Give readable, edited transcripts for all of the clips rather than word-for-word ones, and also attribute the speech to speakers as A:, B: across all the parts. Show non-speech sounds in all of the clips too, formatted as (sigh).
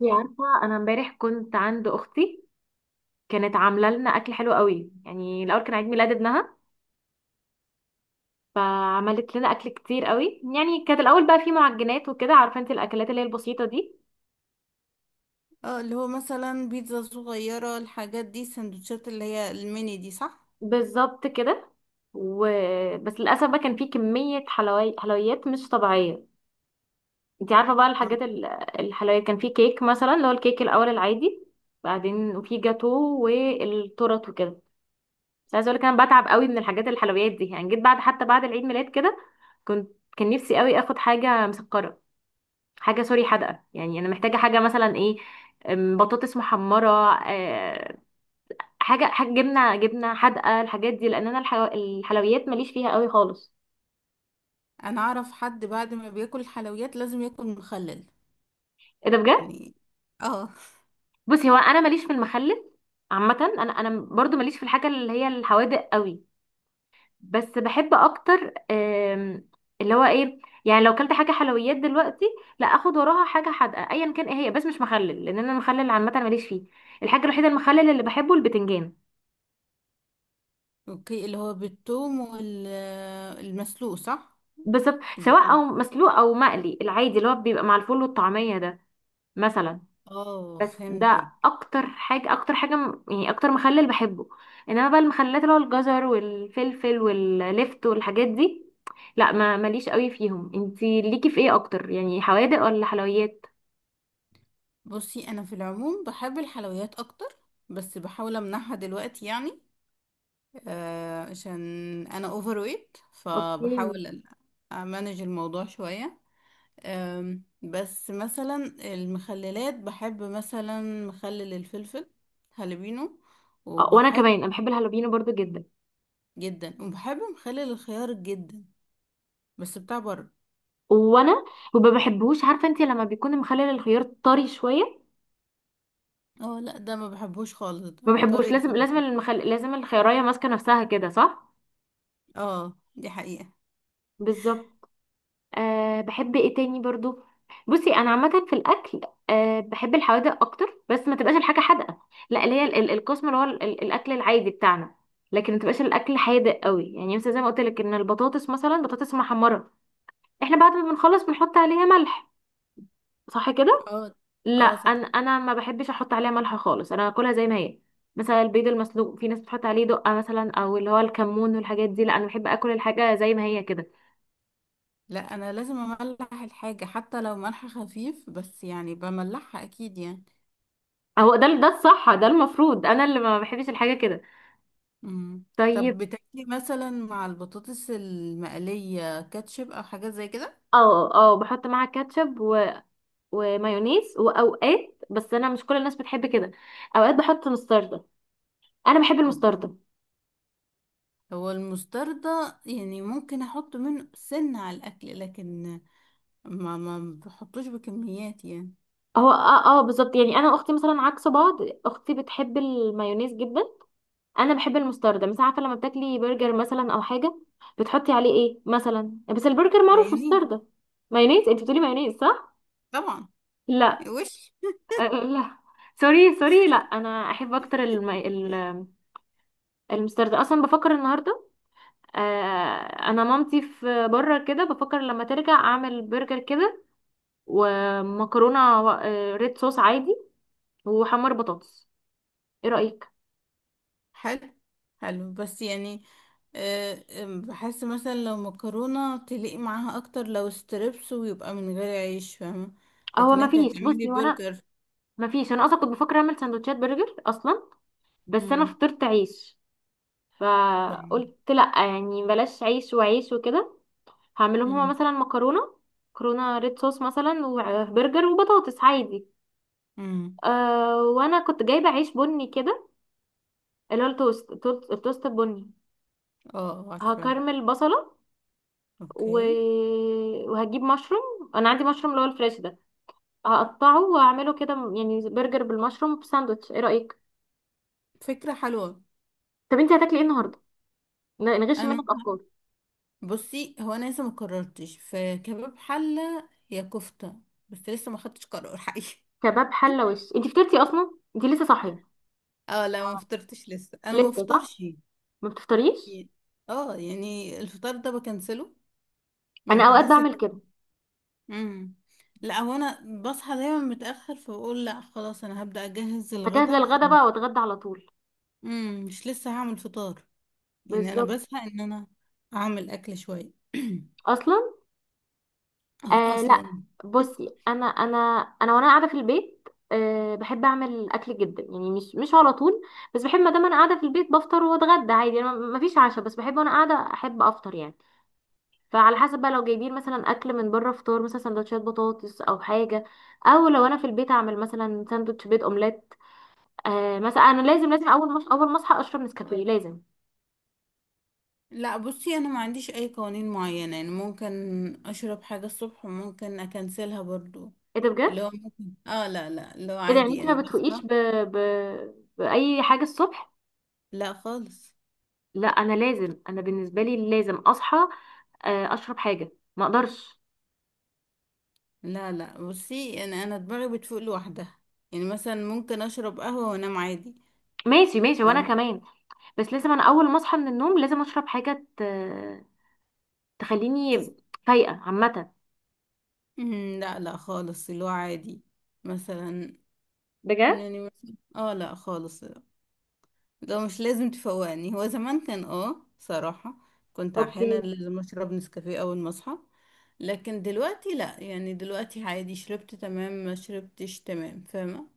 A: يا عارفة أنا امبارح كنت عند أختي. كانت عاملة لنا أكل حلو قوي، يعني الأول كان عيد ميلاد ابنها، فعملت لنا أكل كتير قوي. يعني كانت الأول بقى فيه معجنات وكده، عارفة انت الأكلات اللي هي البسيطة دي.
B: اه، اللي هو مثلا بيتزا صغيرة، الحاجات دي السندوتشات اللي هي الميني دي، صح؟
A: بالظبط كده و... بس للأسف بقى كان فيه كمية حلويات مش طبيعية. انت عارفة بقى
B: اه،
A: الحاجات الحلويات، كان فيه كيك مثلا اللي هو الكيك الأول العادي، بعدين وفيه جاتو والتورت وكده. بس عايزة أقولك أنا بتعب قوي من الحاجات الحلويات دي، يعني جيت بعد حتى بعد العيد ميلاد كده، كنت كان نفسي قوي اخد حاجه مسكره، حاجه سوري حادقه، يعني انا محتاجه حاجه مثلا ايه، بطاطس محمره، آه، حاجه حاجه جبنه جبنه حادقه، الحاجات دي، لان انا الحلويات ماليش فيها قوي خالص.
B: انا اعرف حد بعد ما بياكل الحلويات لازم ياكل مخلل.
A: ايه ده بجد؟
B: يعني. اه.
A: بصي هو انا ماليش في المخلل، عامه انا برضو ماليش في الحاجه اللي هي الحوادق قوي، بس بحب اكتر. اللي هو ايه، يعني لو كلت حاجه حلويات دلوقتي، لا اخد وراها حاجه حادقه ايا كان ايه هي، بس مش مخلل، لان انا المخلل عامه ماليش فيه. الحاجه الوحيده المخلل اللي بحبه البتنجان.
B: اوكي، اللي هو بالثوم والمسلوق، صح؟
A: بالظبط، سواء
B: بالثوم.
A: او مسلوق او مقلي العادي اللي هو بيبقى مع الفول والطعميه ده مثلا.
B: اه،
A: بس ده
B: فهمتك.
A: اكتر حاجه، اكتر حاجه يعني اكتر مخلل بحبه. انما بقى المخللات اللي هو الجزر والفلفل واللفت والحاجات دي، لا، ما ماليش قوي فيهم. انتي ليكي في ايه اكتر، يعني حوادق ولا حلويات؟
B: بصي، انا في العموم بحب الحلويات اكتر، بس بحاول امنعها دلوقتي يعني. عشان انا اوفر ويت،
A: اوكي.
B: فبحاول امانج الموضوع شوية. بس مثلا المخللات، بحب مثلا مخلل الفلفل هالبينو،
A: اه وانا كمان،
B: وبحب
A: انا بحب الهالوبينو برضو جدا.
B: جدا. وبحب مخلل الخيار جدا، بس بتاع بره.
A: وانا وما بحبهوش، عارفه انت لما بيكون مخلل الخيار طري شويه،
B: اه لا، ده ما بحبوش خالص، ده
A: ما بحبوش.
B: الطريقة ده
A: لازم لازم
B: لأ.
A: لازم الخيارية ماسكه نفسها كده، صح؟
B: اه، دي حقيقة.
A: بالظبط. أه بحب ايه تاني برضو؟ بصي انا عامه في الاكل، أه بحب الحوادق اكتر، بس ما تبقاش الحاجه حادقه، لا اللي هي القسم اللي هو الاكل العادي بتاعنا، لكن ما تبقاش الاكل حادق قوي. يعني مثلا زي ما قلت لك ان البطاطس، مثلا بطاطس محمره، احنا بعد ما بنخلص بنحط عليها ملح، صح كده؟
B: اه
A: لا
B: اه، صح.
A: انا ما بحبش احط عليها ملح خالص، انا باكلها زي ما هي. مثلا البيض المسلوق في ناس بتحط عليه دقه مثلا، او اللي هو الكمون والحاجات دي، لا انا بحب اكل الحاجه زي ما هي كده.
B: لا، انا لازم املح الحاجة حتى لو ملح خفيف، بس يعني بملحها اكيد يعني.
A: اهو ده الصح، ده المفروض، انا اللي ما بحبش الحاجه كده.
B: مم. طب
A: طيب.
B: بتاكلي مثلا مع البطاطس المقلية كاتشب او حاجات زي كده؟
A: اه اه بحط معاها كاتشب و... ومايونيز واوقات، بس انا مش كل الناس بتحب كده. اوقات بحط مستردة، انا بحب المستردة.
B: هو المستردة يعني ممكن احط منه سنة على الاكل، لكن ما بحطوش بكميات يعني.
A: هو اه اه بالظبط، يعني انا واختي مثلا عكس بعض، اختي بتحب المايونيز جدا، انا بحب المستردة. مش عارفه لما بتاكلي برجر مثلا او حاجه، بتحطي عليه ايه مثلا؟ بس البرجر معروف
B: مايونيز.
A: مستردة مايونيز. انت بتقولي مايونيز صح؟
B: طبعا.
A: لا.
B: وش.
A: أه، أه، لا، سوري سوري، لا انا احب اكتر المستردة. اصلا بفكر النهارده، انا مامتي في بره كده، بفكر لما ترجع اعمل برجر كده ومكرونه ريد صوص عادي وحمر بطاطس. ايه رايك؟
B: حلو. حلو بس يعني، بحس مثلا لو مكرونة تليق معاها اكتر، لو ستريبس ويبقى من غير عيش، فاهمة؟
A: هو
B: لكن
A: ما
B: انت
A: فيش،
B: هتعملي
A: بصي، وانا
B: برجر.
A: ما فيش انا اصلا كنت بفكر اعمل سندوتشات برجر اصلا، بس انا
B: امم.
A: فطرت عيش،
B: فاهمة.
A: فقلت لا يعني بلاش عيش وعيش وكده. هعملهم هما
B: امم.
A: مثلا مكرونه، مكرونه ريد صوص مثلا، وبرجر وبطاطس عادي.
B: امم.
A: أه وانا كنت جايبه عيش بني كده، اللي هو التوست البني.
B: اه، عارفة.
A: هكرمل بصله و...
B: اوكي.
A: وهجيب مشروم، انا عندي مشروم اللي هو الفريش ده، هقطعه واعمله كده، يعني برجر بالمشروم في ساندوتش. ايه رايك؟
B: فكرة حلوة.
A: طب انت هتاكلي ايه النهارده؟ نغش
B: انا،
A: منك افكار.
B: بصي هو انا لسه ما قررتش، في كباب حله يا كفته، بس لسه ما خدتش قرار حقيقي. (laughs)
A: كباب حله وش، انت فطرتي اصلا؟ انت لسه صاحيه؟
B: اه لا، ما فطرتش لسه، انا ما
A: لسه، صح؟
B: بفطرش.
A: ما بتفطريش.
B: يعني- اه، يعني الفطار ده بكنسله، مش
A: انا اوقات
B: بحس ان.
A: بعمل كده،
B: امم. لا، هو انا بصحى دايما متاخر، فبقول لا خلاص انا هبدا اجهز
A: هجهز
B: الغدا
A: للغدا
B: وخلاص.
A: بقى واتغدى على طول.
B: امم، مش لسه هعمل فطار. يعني انا
A: بالظبط.
B: بزهق ان انا اعمل اكل شويه.
A: اصلا
B: (clears throat)
A: آه لا،
B: اصلا. (laughs)
A: بصي انا وانا قاعده في البيت، آه بحب اعمل اكل جدا، يعني مش مش على طول، بس بحب ما دام انا قاعده في البيت بفطر واتغدى عادي، انا ما فيش عشاء، بس بحب وانا قاعده احب افطر يعني. فعلى حسب بقى، لو جايبين مثلا اكل من بره، فطار مثلا سندوتشات بطاطس او حاجه، او لو انا في البيت اعمل مثلا ساندوتش بيض اومليت. آه مثلا انا لازم لازم اول ما اصحى اشرب نسكافيه لازم.
B: لا، بصي انا ما عنديش اي قوانين معينة، يعني ممكن اشرب حاجة الصبح، وممكن اكنسلها برضو.
A: ايه ده
B: اللي هو
A: بجد؟
B: ممكن اه، لا لا، اللي هو
A: ايه ده، يعني
B: عادي
A: انت
B: يعني
A: ما
B: بصحى.
A: بتفوقيش ب... بأي حاجة الصبح؟
B: لا خالص.
A: لا انا لازم، انا بالنسبة لي لازم اصحى، اشرب حاجة، ما اقدرش.
B: لا لا، بصي يعني انا دماغي بتفوق لوحدها. يعني مثلا ممكن اشرب قهوة وانام عادي.
A: ماشي ماشي وانا
B: فاهمة.
A: كمان، بس لازم انا اول ما اصحى من النوم لازم اشرب حاجة تخليني فايقة عامة.
B: لا لا خالص، اللي هو عادي. مثلا.
A: بجد؟
B: يعني مثلا اه لا خالص، ده مش لازم تفوقني. هو زمان كان صراحة كنت
A: اوكي.
B: احيانا لازم اشرب نسكافيه اول ما اصحى. لكن دلوقتي لا، يعني دلوقتي عادي، شربت تمام، ما شربتش تمام، فاهمة؟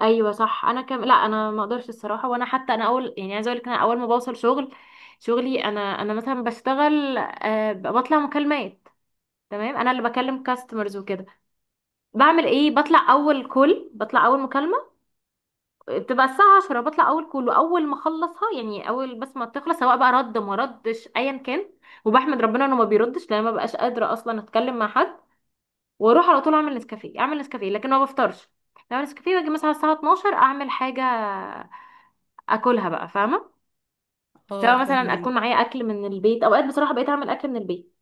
A: ايوه صح. انا كم، لا انا ما اقدرش الصراحه، وانا حتى انا اول، يعني عايزه اقول لك انا اول ما بوصل شغل، شغلي انا مثلا بشتغل أه بطلع مكالمات، تمام؟ انا اللي بكلم كاستمرز وكده. بعمل ايه، بطلع اول كل بطلع اول مكالمه بتبقى الساعه 10، بطلع اول كل واول ما اخلصها، يعني اول بس ما تخلص سواء بقى رد ما ردش ايا كان، وبحمد ربنا انه ما بيردش لان ما بقاش قادره اصلا اتكلم مع حد، واروح على طول اعمل نسكافيه. لكن ما بفطرش. اعمل نسكافيه واجي مثلا الساعه 12 اعمل حاجه اكلها بقى، فاهمه؟
B: اه،
A: سواء مثلا اكون
B: فاهمين.
A: معايا اكل من البيت، اوقات بصراحه بقيت اعمل اكل من البيت.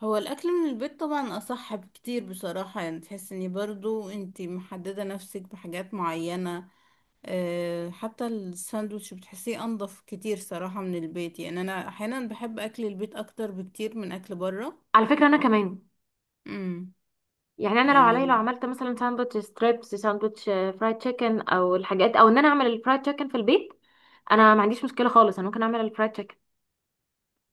B: هو الاكل من البيت طبعا اصح بكتير بصراحة، يعني تحس اني برضو انتي محددة نفسك بحاجات معينة. أه، حتى الساندوتش بتحسيه انضف كتير صراحة من البيت، يعني انا احيانا بحب اكل البيت اكتر بكتير من اكل بره.
A: على فكره انا كمان،
B: امم.
A: يعني انا لو عليا، لو
B: يعني،
A: عملت مثلا ساندوتش ستريبس، ساندوتش فرايد تشيكن او الحاجات، او ان انا اعمل الفرايد تشيكن في البيت، انا ما عنديش مشكله خالص، انا ممكن اعمل الفرايد تشيكن.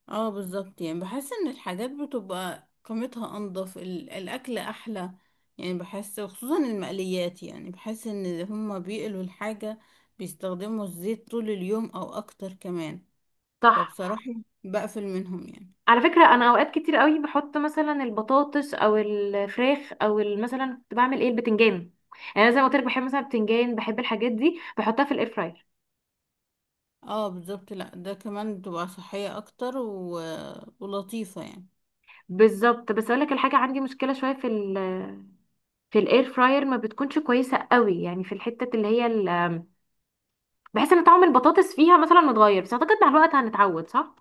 B: اه بالظبط، يعني بحس ان الحاجات بتبقى قيمتها انضف، الاكل احلى. يعني بحس خصوصا المقليات، يعني بحس ان هما بيقلوا الحاجة، بيستخدموا الزيت طول اليوم او اكتر كمان.
A: صح.
B: فبصراحة بقفل منهم يعني.
A: على فكره انا اوقات كتير قوي بحط مثلا البطاطس او الفراخ او مثلا كنت بعمل ايه البتنجان، يعني أنا زي ما قلت لك بحب مثلا البتنجان، بحب الحاجات دي بحطها في الاير فراير.
B: اه بالظبط، لا ده كمان بتبقى صحية اكتر، و... ولطيفة يعني.
A: بالظبط. بس اقول لك الحاجه، عندي مشكله شويه في ال، في الاير فراير ما بتكونش كويسه قوي، يعني في الحته اللي هي بحس ان طعم البطاطس فيها مثلا متغير، بس اعتقد مع الوقت هنتعود، صح؟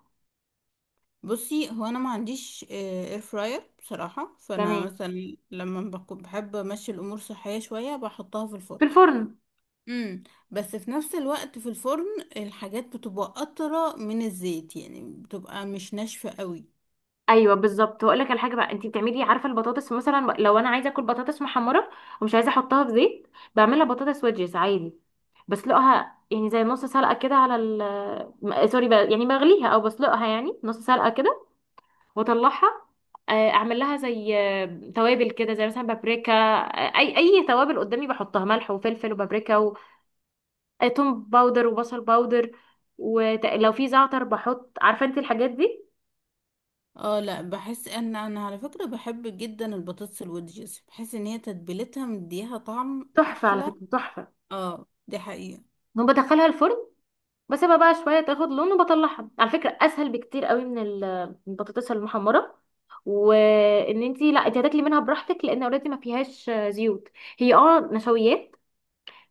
B: بصي هو انا ما عنديش اير فراير بصراحة، فانا
A: تمام،
B: مثلا بحب امشي الامور صحية شوية، بحطها في
A: في
B: الفرن.
A: الفرن.
B: امم. بس في نفس الوقت في الفرن، الحاجات بتبقى قطرة من الزيت، يعني بتبقى مش ناشفة قوي.
A: ايوه بالظبط. واقول لك على حاجه بقى، انت بتعملي عارفه البطاطس، مثلا لو انا عايزه اكل بطاطس محمره ومش عايزه احطها في زيت، بعملها بطاطس ويدجز عادي، بسلقها يعني زي نص سلقه كده على ال، سوري بقى يعني، بغليها او بسلقها يعني نص سلقه كده، واطلعها، اعمل لها زي توابل كده، زي مثلا بابريكا، اي توابل قدامي بحطها، ملح وفلفل وبابريكا وتوم باودر وبصل باودر، ولو في زعتر بحط، عارفه انت الحاجات دي.
B: اه لا، بحس ان انا على فكرة بحب جدا البطاطس الودجز، بحس ان هي تتبيلتها مديها طعم
A: تحفه على
B: احلى.
A: فكره، تحفه.
B: اه، دي حقيقة.
A: وبدخلها الفرن، بسيبها بقى شويه تاخد لون وبطلعها. على فكره اسهل بكتير قوي من من البطاطس المحمره. وان انتي، لا انتي هتاكلي منها براحتك لان اوريدي ما فيهاش زيوت، هي اه نشويات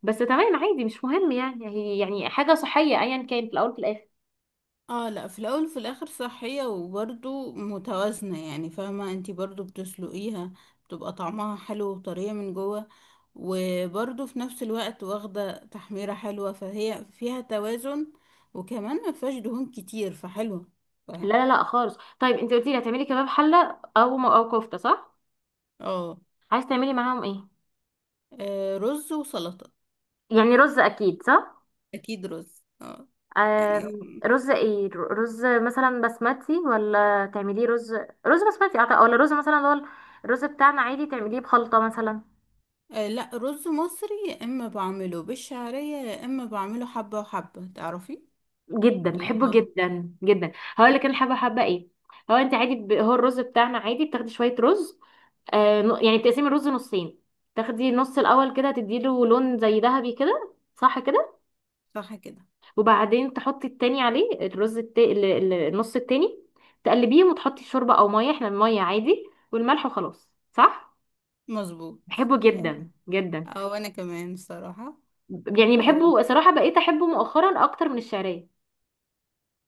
A: بس، تمام عادي مش مهم يعني، هي يعني حاجه صحيه ايا كان في الاول في الاخر.
B: اه لا، في الاول وفي الاخر صحية وبرضو متوازنة، يعني فاهمة انتي برضو بتسلقيها، بتبقى طعمها حلو وطرية من جوه، وبرضو في نفس الوقت واخدة تحميرة حلوة، فهي فيها توازن. وكمان ما فيهاش دهون كتير، فحلوة.
A: لا
B: فاهم.
A: لا لا خالص. طيب انتي قلتي لي هتعملي كباب حله او او كفته، صح؟
B: اه.
A: عايز تعملي معاهم ايه؟
B: رز وسلطة.
A: يعني رز اكيد صح؟
B: اكيد رز، يعني.
A: رز ايه، رز مثلا بسمتي ولا تعمليه رز؟ رز بسمتي أعتقد، ولا رز مثلا اللي هو الرز بتاعنا عادي تعمليه بخلطة مثلا؟
B: لا، رز مصري، يا اما بعمله بالشعرية، يا اما بعمله حبة وحبة، تعرفي.
A: جدا
B: اللي
A: بحبه
B: هو.
A: جدا جدا. هقول لك انا حابه، حابه ايه، هو انت عادي ب... هو الرز بتاعنا عادي، بتاخدي شويه رز، يعني بتقسمي الرز نصين، تاخدي نص الاول كده تديله لون زي ذهبي كده، صح كده؟
B: صح كده.
A: وبعدين تحطي التاني عليه الرز النص التاني، تقلبيهم وتحطي شوربة او مية، احنا المية عادي، والملح وخلاص، صح؟
B: مظبوط.
A: بحبه
B: يعني.
A: جدا جدا.
B: او انا كمان الصراحة.
A: يعني
B: و...
A: بحبه صراحة، بقيت احبه مؤخرا اكتر من الشعرية.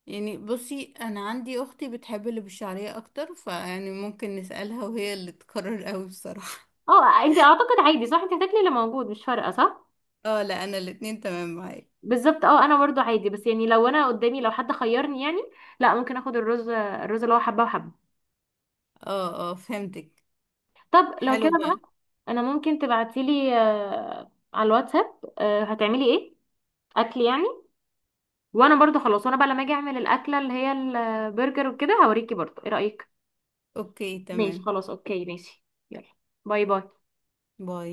B: يعني بصي، انا عندي اختي بتحب اللي بالشعرية اكتر، فيعني ممكن نسألها وهي اللي تقرر قوي بصراحة.
A: اه انت اعتقد عادي، صح؟ انت هتاكلي اللي موجود مش فارقة، صح؟
B: (laughs) اه لا، انا الاتنين تمام معايا.
A: بالظبط. اه انا برضو عادي، بس يعني لو انا قدامي، لو حد خيرني يعني، لا ممكن اخد الرز اللي هو حبة وحبة.
B: اه اه، فهمتك.
A: طب لو
B: حلو
A: كده
B: بقى.
A: بقى، انا ممكن تبعتيلي على الواتساب هتعملي ايه اكل يعني، وانا برضو خلاص، وانا بقى لما اجي اعمل الاكله اللي هي البرجر وكده هوريكي برضو. ايه رايك؟
B: اوكي
A: ماشي
B: تمام.
A: خلاص اوكي ماشي. يلا. باي باي.
B: باي.